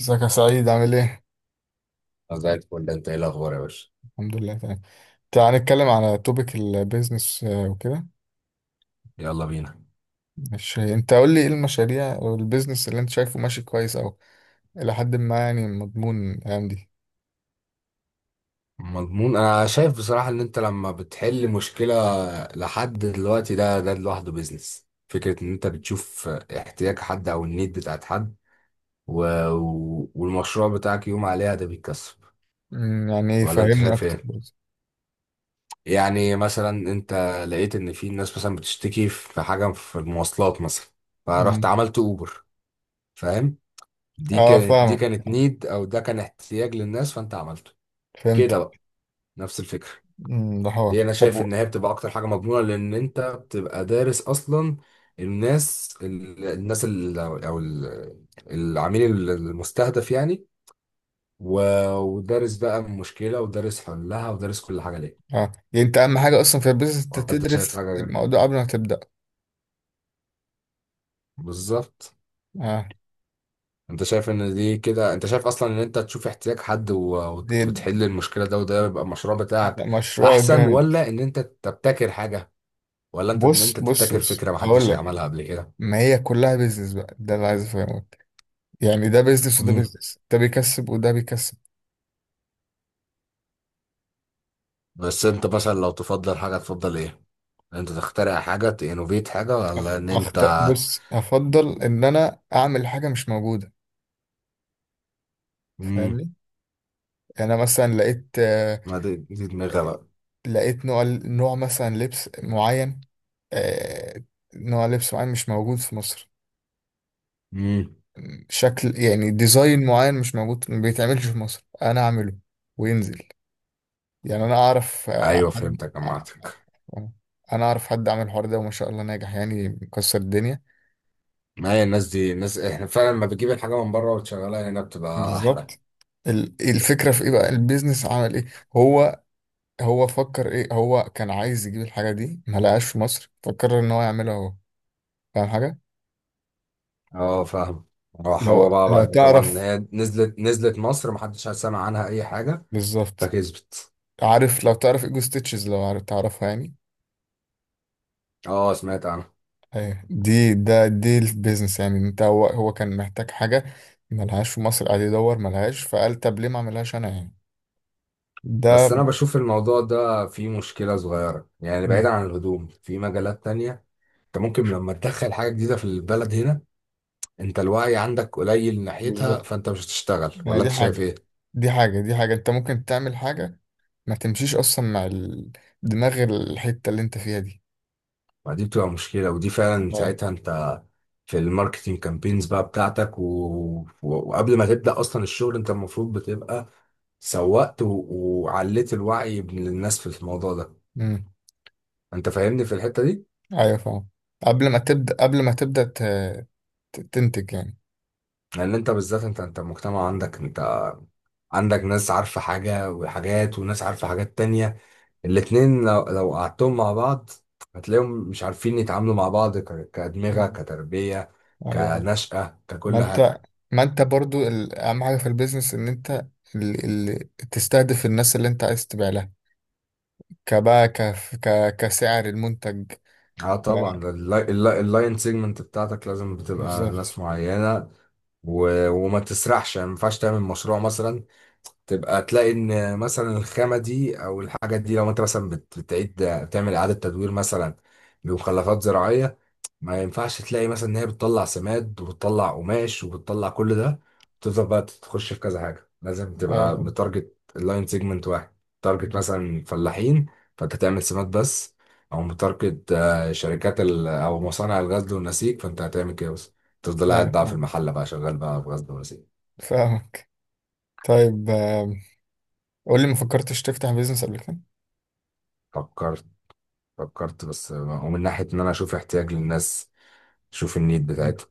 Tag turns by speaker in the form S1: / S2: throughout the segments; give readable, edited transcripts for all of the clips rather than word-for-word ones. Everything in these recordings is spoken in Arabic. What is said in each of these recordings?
S1: ازيك يا سعيد عامل ايه؟
S2: طب، زي الفل. انت ايه الاخبار يا باشا؟
S1: الحمد لله تمام. تعال نتكلم على توبيك البيزنس وكده.
S2: يلا بينا.
S1: مش انت قول لي ايه المشاريع او البيزنس اللي انت شايفه ماشي كويس او الى حد ما، يعني مضمون الايام دي؟
S2: مضمون، انا شايف بصراحة ان انت لما بتحل مشكلة لحد دلوقتي، ده لوحده بيزنس. فكرة ان انت بتشوف احتياج حد او النيد بتاعت حد و... والمشروع بتاعك يقوم عليها، ده بيتكسب.
S1: يعني ايه،
S2: ولا انت
S1: فهمني
S2: شايف
S1: اكتر
S2: ايه؟
S1: برضه.
S2: يعني مثلا انت لقيت ان في ناس مثلا بتشتكي في حاجة في المواصلات مثلا، فرحت
S1: مم.
S2: عملت اوبر، فاهم. دي
S1: اه،
S2: كانت دي كانت
S1: فاهمك،
S2: نيد او ده كان احتياج للناس، فانت عملته كده
S1: فهمتك.
S2: بقى، نفس الفكرة.
S1: ده حوار.
S2: دي انا
S1: طب
S2: شايف ان هي بتبقى اكتر حاجه مضمونه، لان انت بتبقى دارس اصلا الناس ال- الناس ال- او ال- العميل المستهدف يعني. ودارس بقى المشكله ودارس حلها ودارس كل حاجه ليه.
S1: اه، يعني انت اهم حاجه اصلا في البيزنس انت
S2: انت شايف
S1: تدرس
S2: حاجه؟
S1: الموضوع قبل ما تبدا.
S2: بالظبط.
S1: اه،
S2: انت شايف ان دي كده، انت شايف اصلا ان انت تشوف احتياج حد
S1: دي
S2: وتحل المشكله ده، وده يبقى المشروع
S1: ده
S2: بتاعك،
S1: مشروع
S2: احسن؟
S1: جامد.
S2: ولا ان انت تبتكر حاجه؟ ولا ان
S1: بص
S2: انت
S1: بص
S2: تبتكر
S1: بص
S2: فكره
S1: اقول
S2: محدش
S1: لك،
S2: عملها قبل
S1: ما هي كلها بيزنس بقى، ده اللي عايز افهمه. يعني ده بيزنس وده
S2: كده؟
S1: بيزنس، ده بيكسب وده بيكسب.
S2: بس انت مثلا لو تفضل حاجة تفضل ايه؟ انت تخترع حاجة؟ تنوفيت حاجة؟ ولا ان انت...
S1: بص، هفضل ان انا اعمل حاجه مش موجوده،
S2: امم
S1: فاهمني؟ يعني انا مثلا لقيت
S2: ما دي دماغها بقى.
S1: لقيت نوع مثلا لبس معين. آه، نوع لبس معين مش موجود في مصر.
S2: امم
S1: شكل يعني ديزاين معين مش موجود، ما بيتعملش في مصر، انا اعمله وينزل. يعني انا اعرف
S2: ايوه،
S1: حد
S2: فهمتك جمعتك.
S1: انا اعرف حد عمل الحوار ده، وما شاء الله ناجح يعني، مكسر الدنيا.
S2: ما هي الناس دي، الناس احنا فعلا لما بتجيب الحاجة من بره وتشغلها هنا بتبقى احلى.
S1: بالظبط. الفكرة في ايه بقى، البيزنس عمل ايه؟ هو هو فكر ايه؟ هو كان عايز يجيب الحاجة دي، ما لقاش في مصر، فكر ان هو يعملها هو، فاهم حاجة؟
S2: اه، فاهم. راح هو بقى
S1: لو، ايوه، صح،
S2: بعد طبعا،
S1: تعرف.
S2: هي نزلت مصر محدش سمع عنها اي حاجة،
S1: بالظبط.
S2: فكسبت.
S1: عارف لو تعرف ايجو ستيتشز، لو عارف تعرفها يعني.
S2: اه، سمعت عنها.
S1: ايه دي، دي البيزنس يعني. انت هو كان محتاج حاجة ما لهاش في مصر، قاعد يدور ما لهاش، فقال طب ليه ما اعملهاش انا يعني.
S2: بس انا
S1: ده
S2: بشوف الموضوع ده فيه مشكلة صغيرة يعني، بعيدا
S1: مم،
S2: عن الهدوم في مجالات تانية. انت ممكن لما تدخل حاجة جديدة في البلد هنا، انت الوعي عندك قليل ناحيتها،
S1: بالظبط.
S2: فانت مش هتشتغل.
S1: يعني
S2: ولا
S1: دي
S2: انت شايف
S1: حاجة
S2: ايه؟
S1: دي حاجة دي حاجة انت ممكن تعمل حاجة ما تمشيش اصلا مع دماغ الحتة اللي انت فيها دي.
S2: ما دي بتبقى مشكلة، ودي فعلا
S1: ايوه.
S2: ساعتها انت في الماركتينج كامبينز بقى بتاعتك وقبل ما تبدأ اصلا الشغل انت المفروض بتبقى سوقت وعليت الوعي من الناس في الموضوع ده.
S1: امم
S2: انت فاهمني في الحتة دي.
S1: ايوه، فاهم. قبل ما تبدأ تنتج يعني.
S2: لان انت بالذات، انت المجتمع عندك، انت عندك ناس عارفة حاجة وحاجات وناس عارفة حاجات تانية. الاتنين لو قعدتهم مع بعض هتلاقيهم مش عارفين يتعاملوا مع بعض كأدمغة،
S1: مم.
S2: كتربية،
S1: ايوه فاهم.
S2: كنشأة،
S1: ما
S2: ككل حاجة.
S1: انت ما انت برضو اهم حاجة في البيزنس ان انت ال... تستهدف الناس اللي انت عايز تبيع لها. كبقى كسعر المنتج
S2: اه طبعا، اللاين سيجمنت بتاعتك لازم بتبقى
S1: بالظبط.
S2: ناس معينة. وما تسرحش يعني، ما ينفعش تعمل مشروع مثلا تبقى تلاقي ان مثلا الخامة دي او الحاجة دي لو انت مثلا بتعيد تعمل إعادة تدوير مثلا لمخلفات زراعية، ما ينفعش تلاقي مثلا ان هي بتطلع سماد وبتطلع قماش وبتطلع كل ده وتفضل بقى تخش في كذا حاجه، لازم
S1: ايوه
S2: تبقى
S1: فاهم.
S2: متارجت اللاين سيجمنت واحد. تارجت
S1: مم.
S2: مثلا فلاحين، فانت تعمل سماد بس. او متارجت شركات او مصانع الغزل والنسيج، فانت هتعمل كده بس، تفضل قاعد
S1: ايوه
S2: بقى في
S1: فاهم،
S2: المحله بقى شغال بقى في غزل ونسيج.
S1: فاهمك. طيب، قول لي، ما فكرتش تفتح بيزنس قبل كده؟
S2: فكرت. فكرت بس، ومن ناحيه ان انا اشوف احتياج للناس، اشوف النيد
S1: مم.
S2: بتاعتهم.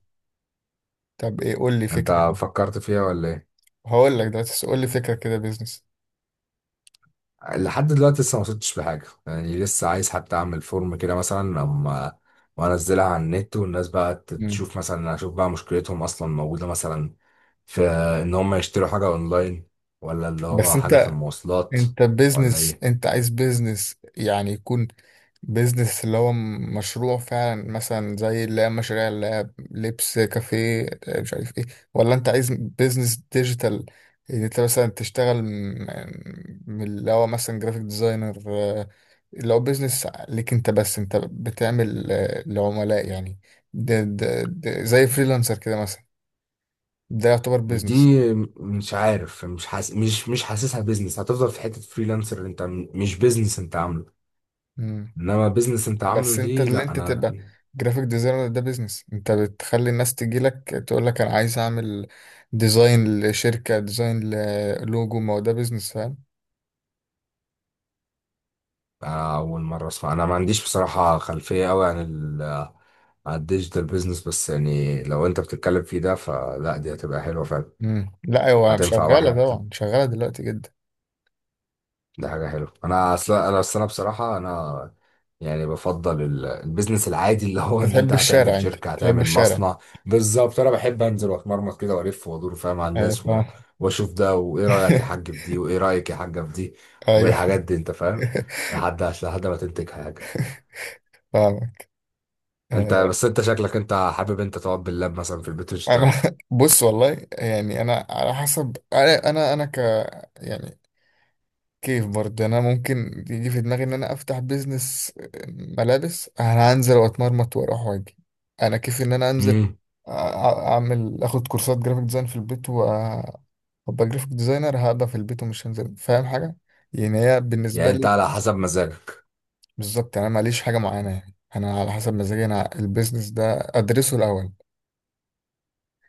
S1: طب ايه، قول لي فكرة
S2: انت
S1: كده.
S2: فكرت فيها ولا ايه؟
S1: هقول لك دلوقتي، بس قول لي فكرة كده بيزنس.
S2: لحد دلوقتي لسه ما وصلتش بحاجة يعني، لسه عايز حتى اعمل فورم كده مثلا اما وانزلها على النت والناس بقى
S1: مم.
S2: تشوف، مثلا اشوف بقى مشكلتهم اصلا موجودة مثلا في ان هم يشتروا حاجة اونلاين، ولا اللي
S1: بس
S2: هو حاجة في
S1: انت
S2: المواصلات،
S1: انت
S2: ولا
S1: بيزنس،
S2: ايه.
S1: انت عايز بيزنس يعني يكون بيزنس اللي هو مشروع فعلا، مثلا زي اللي هي مشاريع اللي هي لبس، كافيه، مش عارف ايه؟ ولا انت عايز بيزنس ديجيتال، ان انت مثلا تشتغل من اللي هو مثلا جرافيك ديزاينر، اللي هو بيزنس ليك انت، بس انت بتعمل لعملاء يعني. ده زي فريلانسر كده مثلا، ده يعتبر
S2: دي
S1: بيزنس؟
S2: مش عارف، مش حاسسها بيزنس، هتفضل في حتة فريلانسر انت مش بيزنس انت عامله. انما بيزنس انت عامله
S1: بس انت
S2: دي،
S1: اللي
S2: لا
S1: انت
S2: انا.
S1: تبقى جرافيك ديزاينر ده بيزنس. انت بتخلي الناس تجيلك تقول لك انا عايز اعمل ديزاين لشركة، ديزاين للوجو، ما هو ده بيزنس، فاهم؟
S2: أنا اول مرة اسمع. انا ما عنديش بصراحة خلفية قوي على الديجيتال بيزنس، بس يعني لو انت بتتكلم فيه ده فلا دي هتبقى حلوة فعلا.
S1: مم. لا هو
S2: هتنفع
S1: شغالة
S2: واحد،
S1: طبعا، شغالة دلوقتي جدا.
S2: ده حاجة حلوة. انا اصلا انا اصل، انا بصراحة انا يعني بفضل البيزنس العادي اللي هو ان
S1: تحب
S2: انت
S1: الشارع،
S2: هتعمل
S1: انت
S2: شركة
S1: تحب
S2: هتعمل
S1: الشارع.
S2: مصنع. بالظبط، انا بحب انزل واتمرمط كده والف وادور، فاهم، على
S1: ايوه
S2: الناس
S1: فاهم.
S2: واشوف ده وايه رأيك يا حاج في دي وايه رأيك يا حاجة في دي
S1: ايوه.
S2: والحاجات دي، انت فاهم. لحد ما تنتج حاجة.
S1: فاهمك.
S2: انت
S1: آه،
S2: بس انت شكلك انت حابب انت تقعد باللاب مثلا في البيت
S1: انا
S2: وتشتغل.
S1: بص، والله يعني انا على حسب، انا يعني كيف برضه انا، ممكن يجي في دماغي ان انا افتح بيزنس ملابس، انا هنزل واتمرمط واروح واجي. انا كيف ان انا انزل
S2: امم.
S1: أ- اعمل، اخد كورسات جرافيك ديزاين في البيت وابقى جرافيك ديزاينر، هبقى في البيت ومش هنزل، فاهم حاجه؟ يعني هي بالنسبه
S2: يعني انت
S1: لي.
S2: على حسب مزاجك.
S1: بالظبط، يعني انا ماليش حاجه معينه، يعني انا على حسب مزاجي. انا البيزنس ده ادرسه الاول،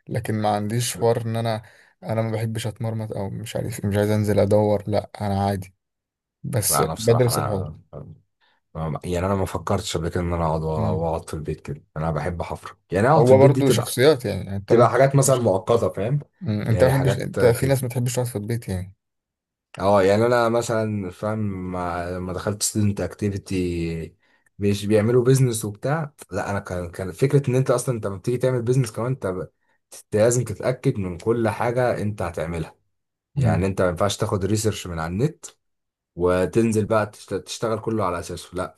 S1: لكن ما عنديش حوار ان انا ما بحبش اتمرمط، او مش عارف إيه، مش عايز انزل ادور، لا انا عادي، بس
S2: لا، انا بصراحه
S1: بدرس الحوار.
S2: يعني انا ما فكرتش قبل كده ان انا اقعد واقعد في البيت كده، انا بحب حفر يعني، اقعد في
S1: هو
S2: البيت دي
S1: برضه
S2: تبقى
S1: شخصيات يعني، انت
S2: تبقى
S1: ممكن.
S2: حاجات مثلا مؤقته، فاهم.
S1: مم. انت ما
S2: يعني
S1: بتحبش،
S2: حاجات
S1: انت في
S2: كده.
S1: ناس ما بتحبش تقعد في البيت يعني.
S2: اه يعني انا مثلا فاهم، لما دخلت ستودنت اكتيفيتي مش بيعملوا بيزنس وبتاع. لا، انا كان فكره ان انت اصلا انت لما بتيجي تعمل بيزنس كمان أنت لازم تتاكد من كل حاجه انت هتعملها. يعني
S1: مم.
S2: انت ما ينفعش تاخد ريسيرش من على النت وتنزل بقى تشتغل كله على اساسه، لا.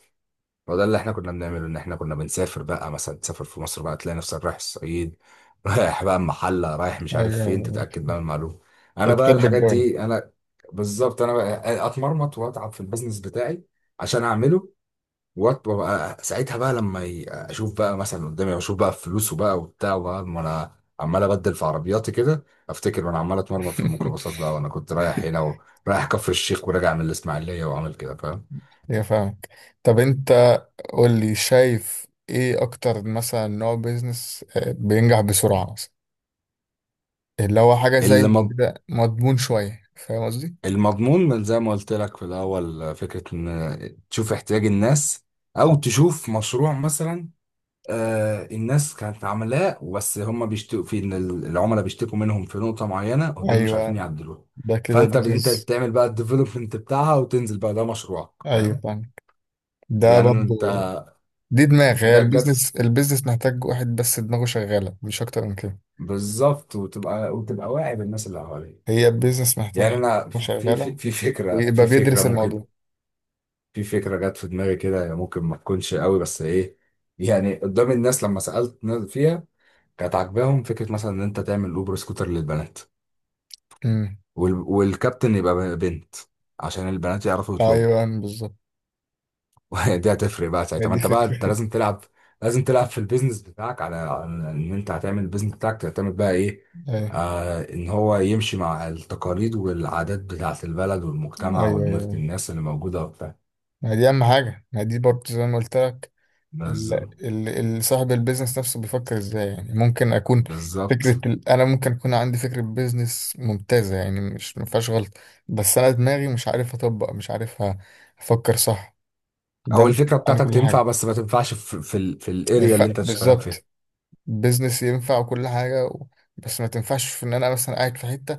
S2: هو ده اللي احنا كنا بنعمله، ان احنا كنا بنسافر بقى، مثلا تسافر في مصر بقى تلاقي نفسك رايح الصعيد رايح بقى المحله رايح مش عارف
S1: ايوه،
S2: فين،
S1: أيوة.
S2: تتاكد بقى من المعلومه. انا
S1: انت
S2: بقى
S1: بتحب
S2: الحاجات
S1: الجو.
S2: دي انا. بالظبط، انا بقى اتمرمط واتعب في البيزنس بتاعي عشان اعمله. وابقى ساعتها بقى لما اشوف بقى مثلا قدامي، اشوف بقى فلوسه بقى وبتاع، وبقى ما انا عمال ابدل في عربياتي كده. افتكر وانا عمال اتمرمط في الميكروباصات بقى، وانا كنت رايح هنا ورايح كفر الشيخ وراجع من الاسماعيليه وعامل كده،
S1: يا فاهمك. طب انت قول لي، شايف ايه اكتر مثلا نوع بيزنس بينجح بسرعة، مثلا اللي هو حاجة زي
S2: فاهم.
S1: كده مضمون شوية، فاهم قصدي؟
S2: المضمون، من زي ما قلت لك في الأول، فكرة إن تشوف احتياج الناس، أو تشوف مشروع مثلا الناس كانت عاملاه بس هم بيشتكوا في إن العملاء بيشتكوا منهم في نقطة معينة ودول مش عارفين
S1: ايوه،
S2: يعدلوها.
S1: ده كده
S2: فأنت أنت
S1: بيزنس.
S2: تعمل بقى الديفلوبمنت بتاعها وتنزل بقى، ده مشروعك،
S1: ايوه
S2: فاهم.
S1: فاهمك، ده
S2: يعني
S1: برضه.
S2: أنت
S1: دي دماغ، هي
S2: جت
S1: البيزنس محتاج واحد بس دماغه شغالة، مش اكتر من كده.
S2: بالظبط، وتبقى واعي بالناس اللي حواليك.
S1: هي البيزنس محتاج
S2: يعني
S1: حد
S2: أنا
S1: يكون
S2: في في
S1: شغالة
S2: في
S1: ويبقى بيدرس الموضوع.
S2: فكرة جت في دماغي كده، هي ممكن ما تكونش قوي بس ايه يعني، قدام الناس لما سألت ناس فيها كانت عاجباهم فكرة مثلا ان انت تعمل اوبر سكوتر للبنات.
S1: امم
S2: والكابتن يبقى بنت، عشان البنات يعرفوا
S1: ايوه،
S2: يطلبوا.
S1: أيوة، بالظبط.
S2: دي هتفرق بقى
S1: ما
S2: ساعتها، ما
S1: دي
S2: انت بقى انت
S1: فكرة.
S2: لازم تلعب في البيزنس بتاعك على ان انت هتعمل البيزنس بتاعك تعتمد بقى ايه.
S1: ايوه،
S2: ان هو يمشي مع التقاليد والعادات بتاعت البلد والمجتمع
S1: ايوه،
S2: ودماغ
S1: ايوه،
S2: الناس اللي موجودة وبتاع.
S1: ما دي اهم حاجة، ما دي برضه زي ما قلت لك. ال...
S2: بز...
S1: صاحب البيزنس نفسه بيفكر ازاي، يعني ممكن اكون. فكرة،
S2: بالظبط،
S1: انا ممكن اكون عندي فكرة بيزنس ممتازة، يعني مش ما فيهاش غلط، بس انا دماغي مش عارف اطبق، مش عارف افكر صح. ده
S2: او
S1: ممكن
S2: الفكره
S1: انا
S2: بتاعتك
S1: كل
S2: تنفع
S1: حاجة
S2: بس ما تنفعش في
S1: ما
S2: الاريا اللي
S1: ينفع.
S2: انت تشتغل فيها.
S1: بالظبط، بيزنس ينفع وكل حاجة بس ما تنفعش في ان انا مثلا قاعد في حته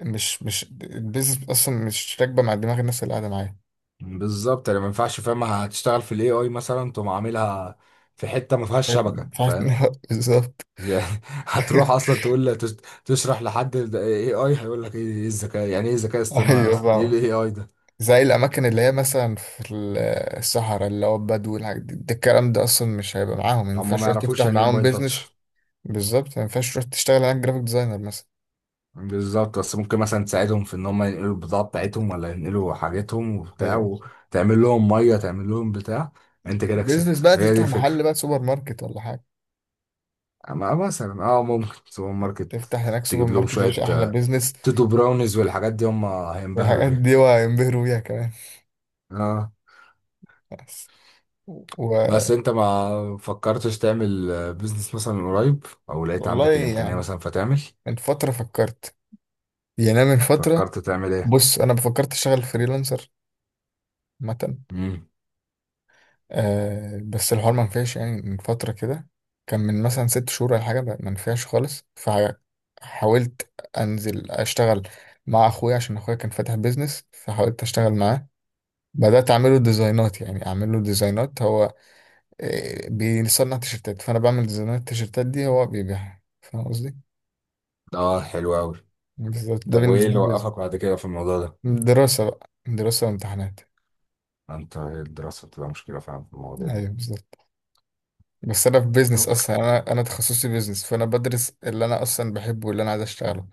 S1: مش البيزنس اصلا مش راكبه مع دماغ الناس اللي قاعده معايا،
S2: بالظبط يعني، ما ينفعش، فاهم، هتشتغل في الاي اي مثلا تقوم عاملها في حته ما فيهاش شبكه،
S1: فاهم؟
S2: فاهم.
S1: بالظبط.
S2: يعني هتروح اصلا تقول تشرح لحد اي اي هيقول لك ايه؟ إيه الذكاء يعني؟ ايه ذكاء اصطناعي
S1: ايوه
S2: اصلا؟ ايه الاي
S1: فاهمك،
S2: اي ده؟
S1: زي الاماكن اللي هي مثلا في الصحراء، اللي هو البدو والحاجات دي، ده الكلام ده اصلا مش هيبقى معاهم، ما
S2: هم
S1: ينفعش
S2: ما
S1: تروح
S2: يعرفوش
S1: تفتح
S2: يعني ايه
S1: معاهم
S2: موبايل
S1: بيزنس.
S2: تاتش.
S1: بالظبط، ما ينفعش تروح تشتغل هناك جرافيك ديزاينر مثلا.
S2: بالظبط. بس ممكن مثلا تساعدهم في ان هم ينقلوا البضاعه بتاعتهم، ولا ينقلوا حاجتهم وبتاع،
S1: ايوه،
S2: وتعمل لهم ميه، تعمل لهم بتاع، انت كده
S1: بيزنس
S2: كسبت،
S1: بقى،
S2: هي دي
S1: تفتح
S2: الفكره.
S1: محل بقى، سوبر ماركت ولا حاجه.
S2: ما مثلا اه، ممكن سوبر ماركت.
S1: تفتح هناك سوبر
S2: تجيب لهم
S1: ماركت يا
S2: شوية
S1: باشا، احلى بيزنس.
S2: تودو براونيز والحاجات دي هم هينبهروا
S1: والحاجات
S2: بيها.
S1: دي، وهينبهروا بيها كمان.
S2: اه.
S1: بس و...
S2: بس انت ما فكرتش تعمل بيزنس مثلا قريب، او لقيت
S1: والله
S2: عندك الامكانية
S1: يعني،
S2: مثلا فتعمل؟
S1: من فتره فكرت، يعني أنا من فتره.
S2: فكرت تعمل ايه؟
S1: بص، انا فكرت اشتغل فريلانسر مثلا،
S2: امم.
S1: آه، بس الحوار ما نفعش يعني. من فتره كده، كان من مثلا 6 شهور ولا حاجه، ما نفعش خالص. فحاولت انزل اشتغل مع اخويا، عشان اخويا كان فاتح بيزنس، فحاولت اشتغل معاه. بدات اعمله ديزاينات هو. بيصنع تيشرتات، فانا بعمل ديزاينات، التيشرتات دي هو بيبيعها، فاهم قصدي؟
S2: اه، حلو قوي.
S1: بالظبط، ده
S2: طب وايه
S1: بالنسبه
S2: اللي
S1: لي.
S2: وقفك بعد كده في الموضوع ده؟
S1: دراسه وامتحانات.
S2: انت الدراسة بتبقى مشكلة فعلا في المواضيع دي.
S1: ايوه بالظبط، بس انا في بيزنس
S2: طب
S1: اصلا، انا تخصصي بيزنس، فانا بدرس اللي انا اصلا بحبه واللي انا عايز اشتغله.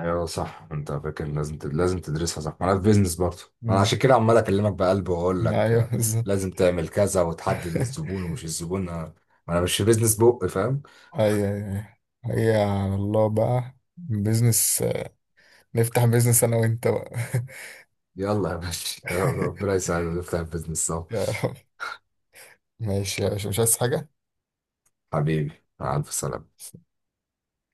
S2: ايوه صح، انت فاكر لازم لازم تدرسها، صح، ما انا في بيزنس برضه. انا
S1: امم
S2: عشان كده عمال اكلمك بقلب واقول لك
S1: ايوه بالظبط.
S2: لازم تعمل كذا وتحدد الزبون ومش الزبون. ما انا مش في بيزنس بق، فاهم.
S1: ايوه، ايوه، هي على الله بقى، بيزنس نفتح، بيزنس انا وانت بقى.
S2: يلا يا باشا ربنا يساعدنا نفتح بيزنس سوا.
S1: يا رب. ماشي يا باشا، مش عايز حاجه.
S2: حبيبي. مع الف سلامة.